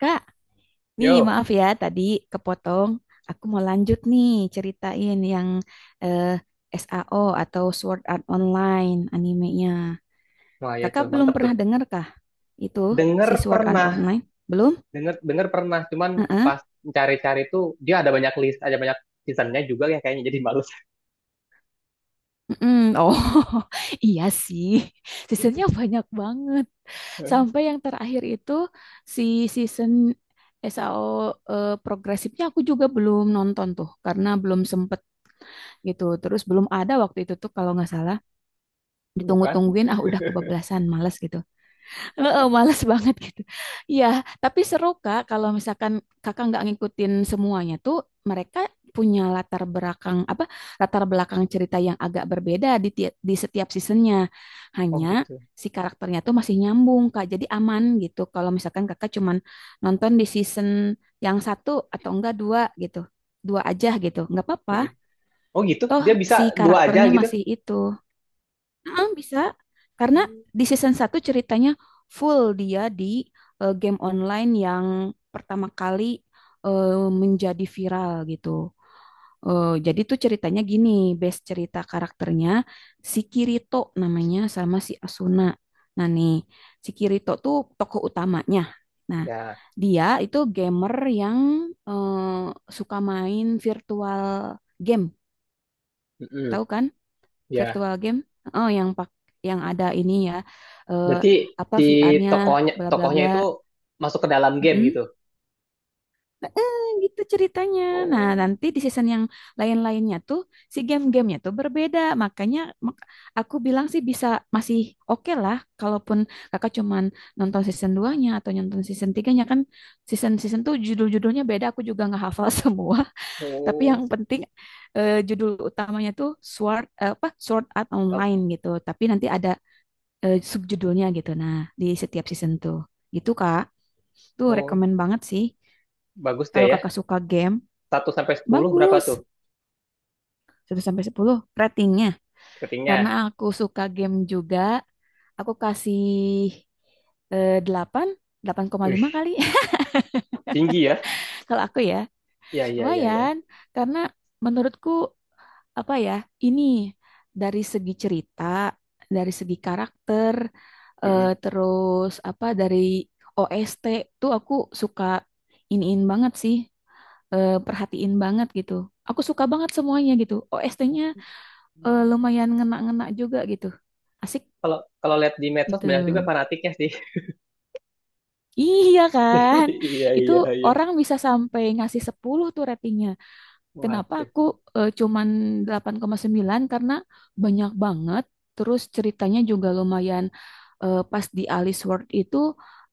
Kak, nih Yo, maaf ya tadi kepotong. Aku mau lanjut nih ceritain yang eh, SAO atau Sword Art Online animenya. wah ya tuh Kakak belum mantep tuh. pernah dengar kah itu Dengar si Sword Art pernah, Online? Belum? dengar dengar pernah. Cuman Heeh. pas cari-cari tuh dia ada banyak list, ada banyak seasonnya juga yang kayaknya jadi malu. Mm-mm. Oh, iya sih. Seasonnya banyak banget. Sampai yang terakhir itu si season SAO progresifnya aku juga belum nonton tuh karena belum sempet gitu. Terus belum ada waktu itu tuh kalau nggak salah Bukan? ditunggu-tungguin udah kebablasan males gitu. Heeh, males banget gitu ya, tapi seru kak kalau misalkan kakak nggak ngikutin semuanya tuh mereka punya latar belakang apa, latar belakang cerita yang agak berbeda di setiap seasonnya, Oh hanya gitu. si karakternya tuh masih nyambung kak, jadi aman gitu kalau misalkan kakak cuman nonton di season yang satu atau enggak dua gitu, dua aja gitu nggak apa-apa Mm-mm. Oh gitu, toh dia si bisa dua aja karakternya gitu. masih itu. Mm, bisa karena Hmm. di season satu ceritanya full dia di game online yang pertama kali menjadi viral gitu. Jadi tuh ceritanya gini, base cerita karakternya si Kirito namanya sama si Asuna. Nah nih, si Kirito tuh tokoh utamanya. Nah, Ya, dia itu gamer yang eh, suka main virtual game, mm-mm. tahu kan? Ya. Virtual game, oh yang pak yang ada ini ya, eh, Berarti apa si VR-nya tokohnya bla bla tokohnya bla. itu masuk ke dalam game Mm-mm. gitu. Eh, Gitu ceritanya, nah Oh, nanti di season yang lain-lainnya tuh si game-gamenya tuh berbeda makanya mak- aku bilang sih bisa, masih oke lah kalaupun kakak cuman nonton season 2-nya atau nonton season 3-nya kan, season-season tuh judul-judulnya beda, aku juga nggak hafal semua. Tapi oh, yang penting judul utamanya tuh Sword, apa Sword Art Online Tat- gitu. Tapi nanti ada subjudulnya gitu. Nah, di setiap season tuh. Gitu, Kak. Tuh oh, rekomen banget sih. bagus dia Kalau ya. Kakak suka game, Satu sampai 10 berapa bagus. tuh 1 sampai 10 ratingnya. Karena ratingnya? aku suka game juga, aku kasih 8, 8,5 Wih, kali tinggi ya. kalau aku ya. Iya, iya, iya, ya. Lumayan, karena menurutku apa ya, ini dari segi cerita, dari segi karakter, terus apa dari OST tuh aku suka iniin banget sih, perhatiin banget gitu. Aku suka banget semuanya gitu. OST-nya lumayan ngena-ngena juga gitu. Asik Kalau kalau lihat di medsos gitu. banyak juga fanatiknya sih. Iya kan? Iya, Itu iya, iya. orang bisa sampai ngasih 10 tuh ratingnya. Kenapa Waduh. aku cuman 8,9 karena banyak banget, terus ceritanya juga lumayan, pas di Alice World itu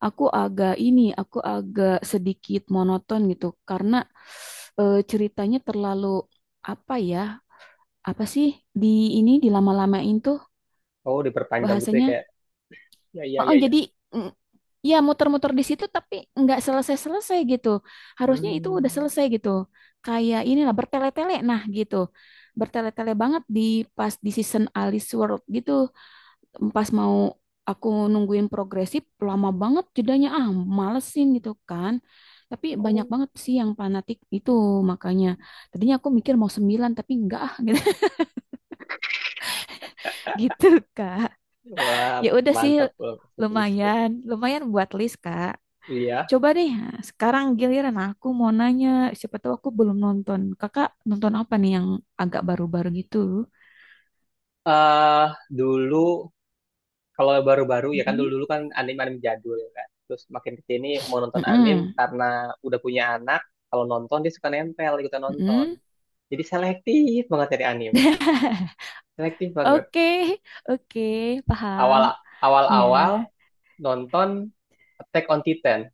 aku agak ini, aku agak sedikit monoton gitu, karena ceritanya terlalu apa ya, apa sih, di ini dilama-lamain tuh Oh, diperpanjang gitu ya bahasanya. kayak. Ya, iya, Oh, oh, iya, iya. jadi mm, ya muter-muter di situ tapi nggak selesai-selesai gitu. Harusnya itu Hmm. udah selesai gitu. Kayak inilah bertele-tele nah gitu. Bertele-tele banget di pas di season Alice World gitu. Pas mau aku nungguin progresif lama banget jedanya, malesin gitu kan. Tapi banyak Oh. banget sih yang fanatik itu makanya. Tadinya aku mikir mau 9 tapi enggak ah gitu, gitu Kak. Wah, Ya udah sih mantap loh masuk list tuh. lumayan, lumayan buat list Kak. Iya. Coba deh, sekarang giliran aku mau nanya, siapa tahu aku belum nonton. Kakak nonton apa nih yang agak baru-baru gitu? Eh dulu kalau baru-baru ya kan Mm-mm, dulu-dulu kan anime-anime jadul kan. Terus makin ke sini mau nonton anime mm-mm, karena udah punya anak. Kalau nonton dia suka nempel ikutan nonton. mm-mm. Jadi selektif banget dari anime. Selektif banget. Oke, oke, paham. Awal Iya. awal-awal nonton Attack on Titan.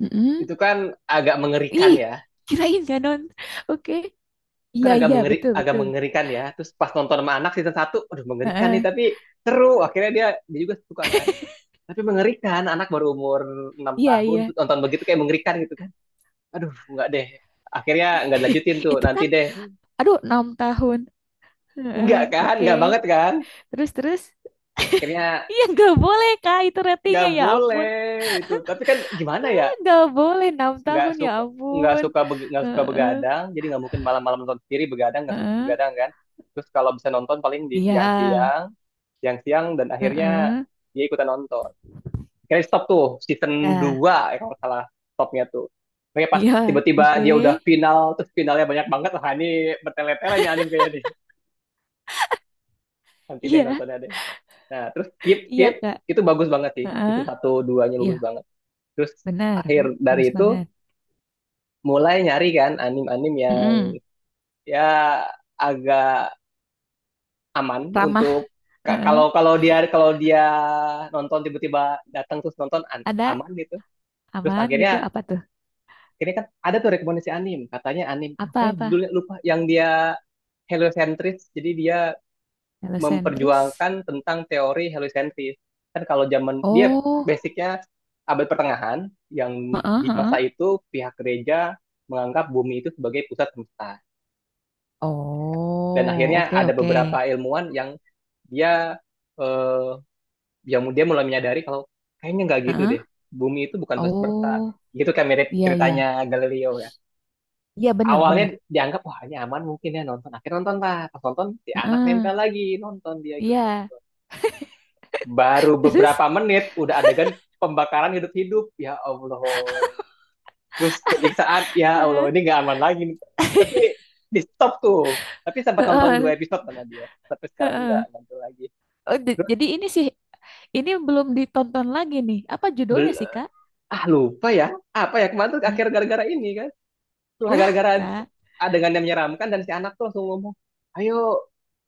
Mm. Itu kan agak mengerikan Ih, ya. kirain gak non. Oke. Iya, Kan agak iya, mengeri, betul, agak betul. mengerikan ya. Terus pas nonton sama anak season satu, aduh mengerikan nih Heeh. tapi seru. Akhirnya dia dia juga suka kan. Tapi mengerikan, anak baru umur 6 Iya, tahun iya. terus nonton begitu kayak mengerikan gitu kan. Aduh, enggak deh. Akhirnya nggak dilanjutin tuh, Itu nanti kan, deh. aduh, 6 tahun. Heeh, Enggak kan, oke. enggak banget kan. Terus, terus. Akhirnya Iya, nggak boleh, Kak. Itu nggak ratingnya, ya boleh ampun. itu. Tapi kan gimana ya? Nggak boleh enam Nggak tahun ya suka nggak ampun. suka beg- nggak suka Heeh, begadang jadi nggak mungkin malam-malam nonton sendiri begadang nggak suka heeh. begadang kan, terus kalau bisa nonton paling di Iya, siang-siang dan akhirnya heeh. dia ikutan nonton. Akhirnya stop tuh season Ya, 2, ya kalau nggak salah stopnya tuh. Oke pas iya, tiba-tiba oke. dia udah final terus finalnya banyak banget, wah ini bertele-tele nih anime kayaknya nih. Nanti deh Iya, nontonnya deh. Nah, terus skip iya skip Kak. itu bagus banget sih. Heeh. Season satu dua nya Iya, bagus banget. Terus benar, akhir dari bagus itu banget. mulai nyari kan anim-anim yang Mm-mm. ya agak aman Ramah, untuk heeh. kalau kalau dia nonton tiba-tiba datang terus nonton Ada aman gitu, terus aman gitu. akhirnya Apa tuh? ini kan ada tuh rekomendasi anime, katanya anime apa ya Apa-apa? judulnya lupa, yang dia heliocentris, jadi dia Heliocentris. memperjuangkan tentang teori heliocentris kan. Kalau zaman dia Oh, basicnya abad pertengahan, yang heeh, di heeh. masa itu pihak gereja menganggap bumi itu sebagai pusat semesta, dan Oh, akhirnya oke ada oke. beberapa ilmuwan yang dia eh, yang dia mulai menyadari kalau kayaknya nggak gitu Heeh. deh, bumi itu bukan pusat semesta, Oh, gitu kan, mirip iya ceritanya iya. Galileo ya. Iya benar Awalnya benar. dianggap wah ini aman mungkin ya nonton, akhirnya nonton lah, pas nonton si anak Heeh. nempel lagi nonton, dia ikut Iya. nonton baru Terus, beberapa menit udah adegan pembakaran hidup-hidup ya Allah, terus penyiksaan ya Allah, heeh. ini nggak aman lagi nih. Tapi di stop tuh, tapi sempat nonton Heeh, dua episode sama dia, tapi sekarang nggak heeh. nonton lagi. Oh, Terus jadi ini sih, ini belum ditonton lagi nih. Apa judulnya bel- sih, Kak? ah lupa ya, apa ya kemarin tuh akhir Y- gara-gara ini kan. Cuma Ya, gara-gara Kak. adegan yang menyeramkan, dan si anak tuh langsung ngomong, ayo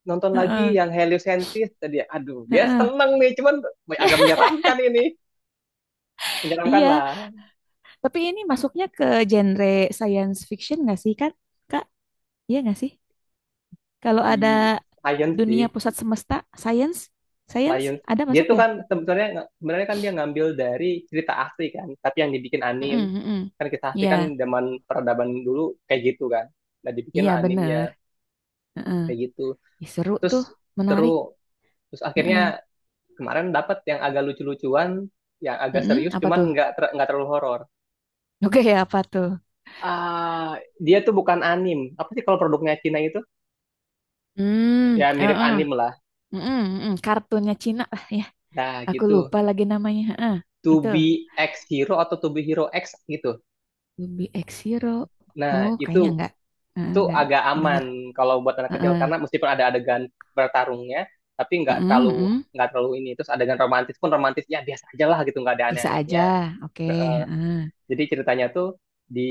nonton lagi Heeh, yang heliosentris tadi. Aduh, dia heeh. seneng nih, cuman agak menyeramkan ini. Menyeramkan Iya, lah. tapi ini masuknya ke genre science fiction nggak sih, kan? Kak, iya nggak sih? Kalau Di ada science sih, dunia pusat semesta, science, science, science. ada Dia masuk tuh ya? kan sebenarnya, sebenarnya kan dia ngambil dari cerita asli kan, tapi yang dibikin anim. Heeh, heeh. Kan kisah asli Iya, kan zaman peradaban dulu kayak gitu kan. Nah, dibikin iya bener. animnya Heeh. kayak gitu. Ih, seru Terus tuh, seru. menarik. Terus akhirnya Heeh. kemarin dapat yang agak lucu-lucuan, yang agak Heeh, serius, apa tuh? cuman nggak ter- nggak terlalu horor. Oke, apa tuh? Ah, dia tuh bukan anim. Apa sih kalau produknya Cina itu? Hmm, Ya mirip heeh. anim lah. Mm-mm, mm-mm, kartunnya Cina lah ya. Nah Aku gitu. lupa lagi namanya. Heeh, To itu be X Hero atau To be Hero X gitu. Ruby X Hero. Nah Oh, kayaknya enggak. Heeh, itu enggak agak dengar. aman kalau buat anak kecil Heeh. karena meskipun ada adegan bertarungnya, tapi nggak Mm-mm, terlalu, mm-mm. nggak terlalu ini. Terus adegan romantis pun romantis ya biasa aja lah gitu, nggak ada Biasa aja. aneh-anehnya. Oke, Eh, heeh. jadi ceritanya tuh di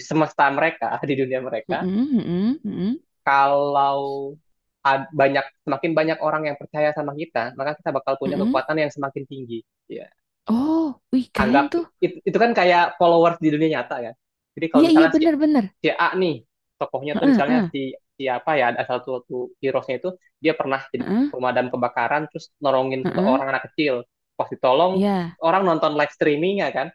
semesta mereka, di dunia Mm-mm, mereka, mm-mm, mm-mm, kalau ad- banyak, semakin banyak orang yang percaya sama kita, maka kita bakal punya mm-mm. kekuatan yang semakin tinggi. Ya. Oh, wih keren Anggap tuh. it- itu, kan kayak followers di dunia nyata kan. Jadi kalau Iya, iya misalnya si, benar-benar. si A nih tokohnya tuh Heeh, misalnya heeh, si siapa ya, ada satu satu heroesnya itu dia pernah jadi heeh, pemadam kebakaran terus nolongin heeh. seseorang anak kecil. Pas ditolong Iya, orang nonton live streamingnya kan.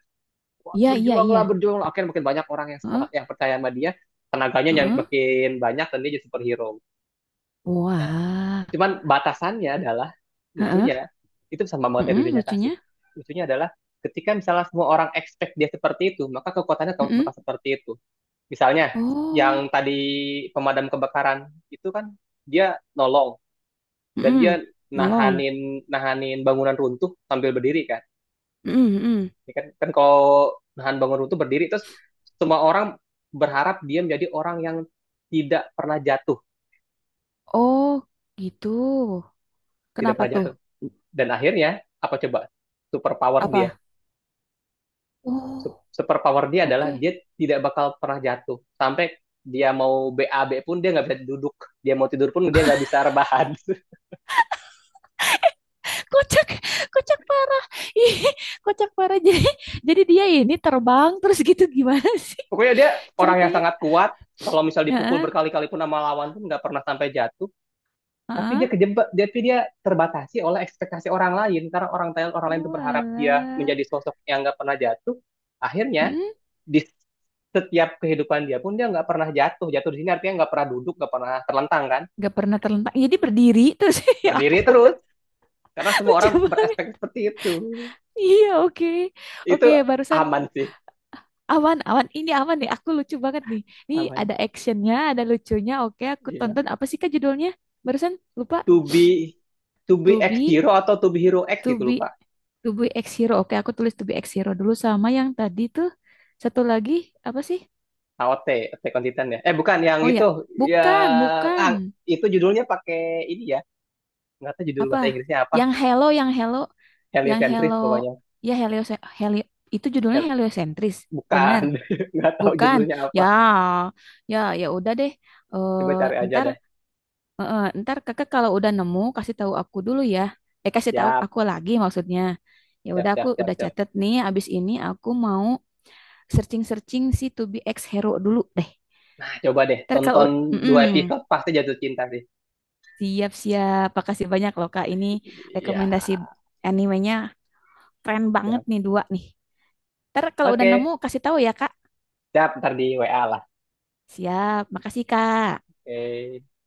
Wah, iya, iya, iya. berjuanglah, berjuanglah. Akhirnya makin banyak orang yang Heeh, semangat, yang percaya sama dia, tenaganya yang heeh. makin banyak dan dia jadi superhero. Nah, Wah. cuman batasannya adalah Heeh, lucunya itu sama banget ya dunia mm-mm, nyata sih. lucunya. Lucunya adalah ketika misalnya semua orang expect dia seperti itu, maka kekuatannya bakal Mm-mm. bakal seperti itu. Misalnya yang Oh, tadi pemadam kebakaran itu kan dia nolong dan dia mm-mm. Nolong. nahanin nahanin bangunan runtuh sambil berdiri kan. Mm-mm, mm-mm. Ya kan, kan kalau nahan bangunan runtuh berdiri terus, semua orang berharap dia menjadi orang yang tidak pernah jatuh, Oh, gitu. tidak Kenapa pernah tuh? jatuh. Dan akhirnya apa coba? Superpower dia, Apa? su- Oh, super power dia adalah oke. dia tidak bakal pernah jatuh, sampai dia mau BAB pun dia nggak bisa duduk, dia mau tidur pun dia nggak bisa rebahan. Kocak, kocak parah. Ih, kocak parah. Jadi dia ini terbang terus gitu gimana sih Pokoknya dia orang yang ceritanya? sangat kuat, kalau misal dipukul Heeh, berkali-kali pun sama lawan pun nggak pernah sampai jatuh, tapi dia heeh. kejebak, tapi dia terbatasi oleh ekspektasi orang lain, karena orang lain tuh berharap dia Walah. menjadi sosok yang nggak pernah jatuh. Akhirnya Hmm, di setiap kehidupan dia pun dia nggak pernah jatuh, jatuh di sini artinya nggak pernah duduk, nggak pernah terlentang kan, gak pernah terlentang. Jadi berdiri terus. Ya, berdiri terus. Karena semua orang lucu banget. berespek seperti itu. Iya, oke. Itu Oke, barusan aman sih, awan, awan. Ini awan nih. Aku lucu banget nih. Ini aman. ada actionnya, ada lucunya. Oke, aku Iya. tonton. Apa sih kak judulnya? Barusan lupa. To be to be To X be, Hero atau to be Hero X to itu be, lupa. to be X Hero. Oke, aku tulis to be X Hero dulu sama yang tadi tuh. Satu lagi apa sih? AOT, Attack on Titan ya. Eh bukan yang Oh ya, itu, bukan, yang bukan. ah, itu judulnya pakai ini ya. Nggak tahu judul Apa? bahasa Inggrisnya apa. Yang Hello, yang Hello, yang Hello. Heliocentris pokoknya. Ya Helio, Helio. Itu judulnya Hel- heliosentris. bukan, Bener. nggak tahu Bukan. judulnya Ya, apa. ya, ya udah deh. Coba cari Eh, aja ntar, dah. eh, eh, ntar kakak kalau udah nemu kasih tahu aku dulu ya. Kasih tahu Siap, aku lagi maksudnya. Ya siap, udah aku siap, siap, udah siap. catet nih. Abis ini aku mau searching-searching si To Be Ex Hero dulu deh. Nah, coba deh, Ntar kalau tonton dua mm-mm, episode pasti jatuh cinta sih. siap-siap, makasih banyak loh Kak. Ini rekomendasi Ya. animenya keren banget Siap. nih dua nih. Ntar kalau udah Oke, nemu kasih tahu ya Kak. siap ntar di WA lah. Siap, makasih Kak. Oke.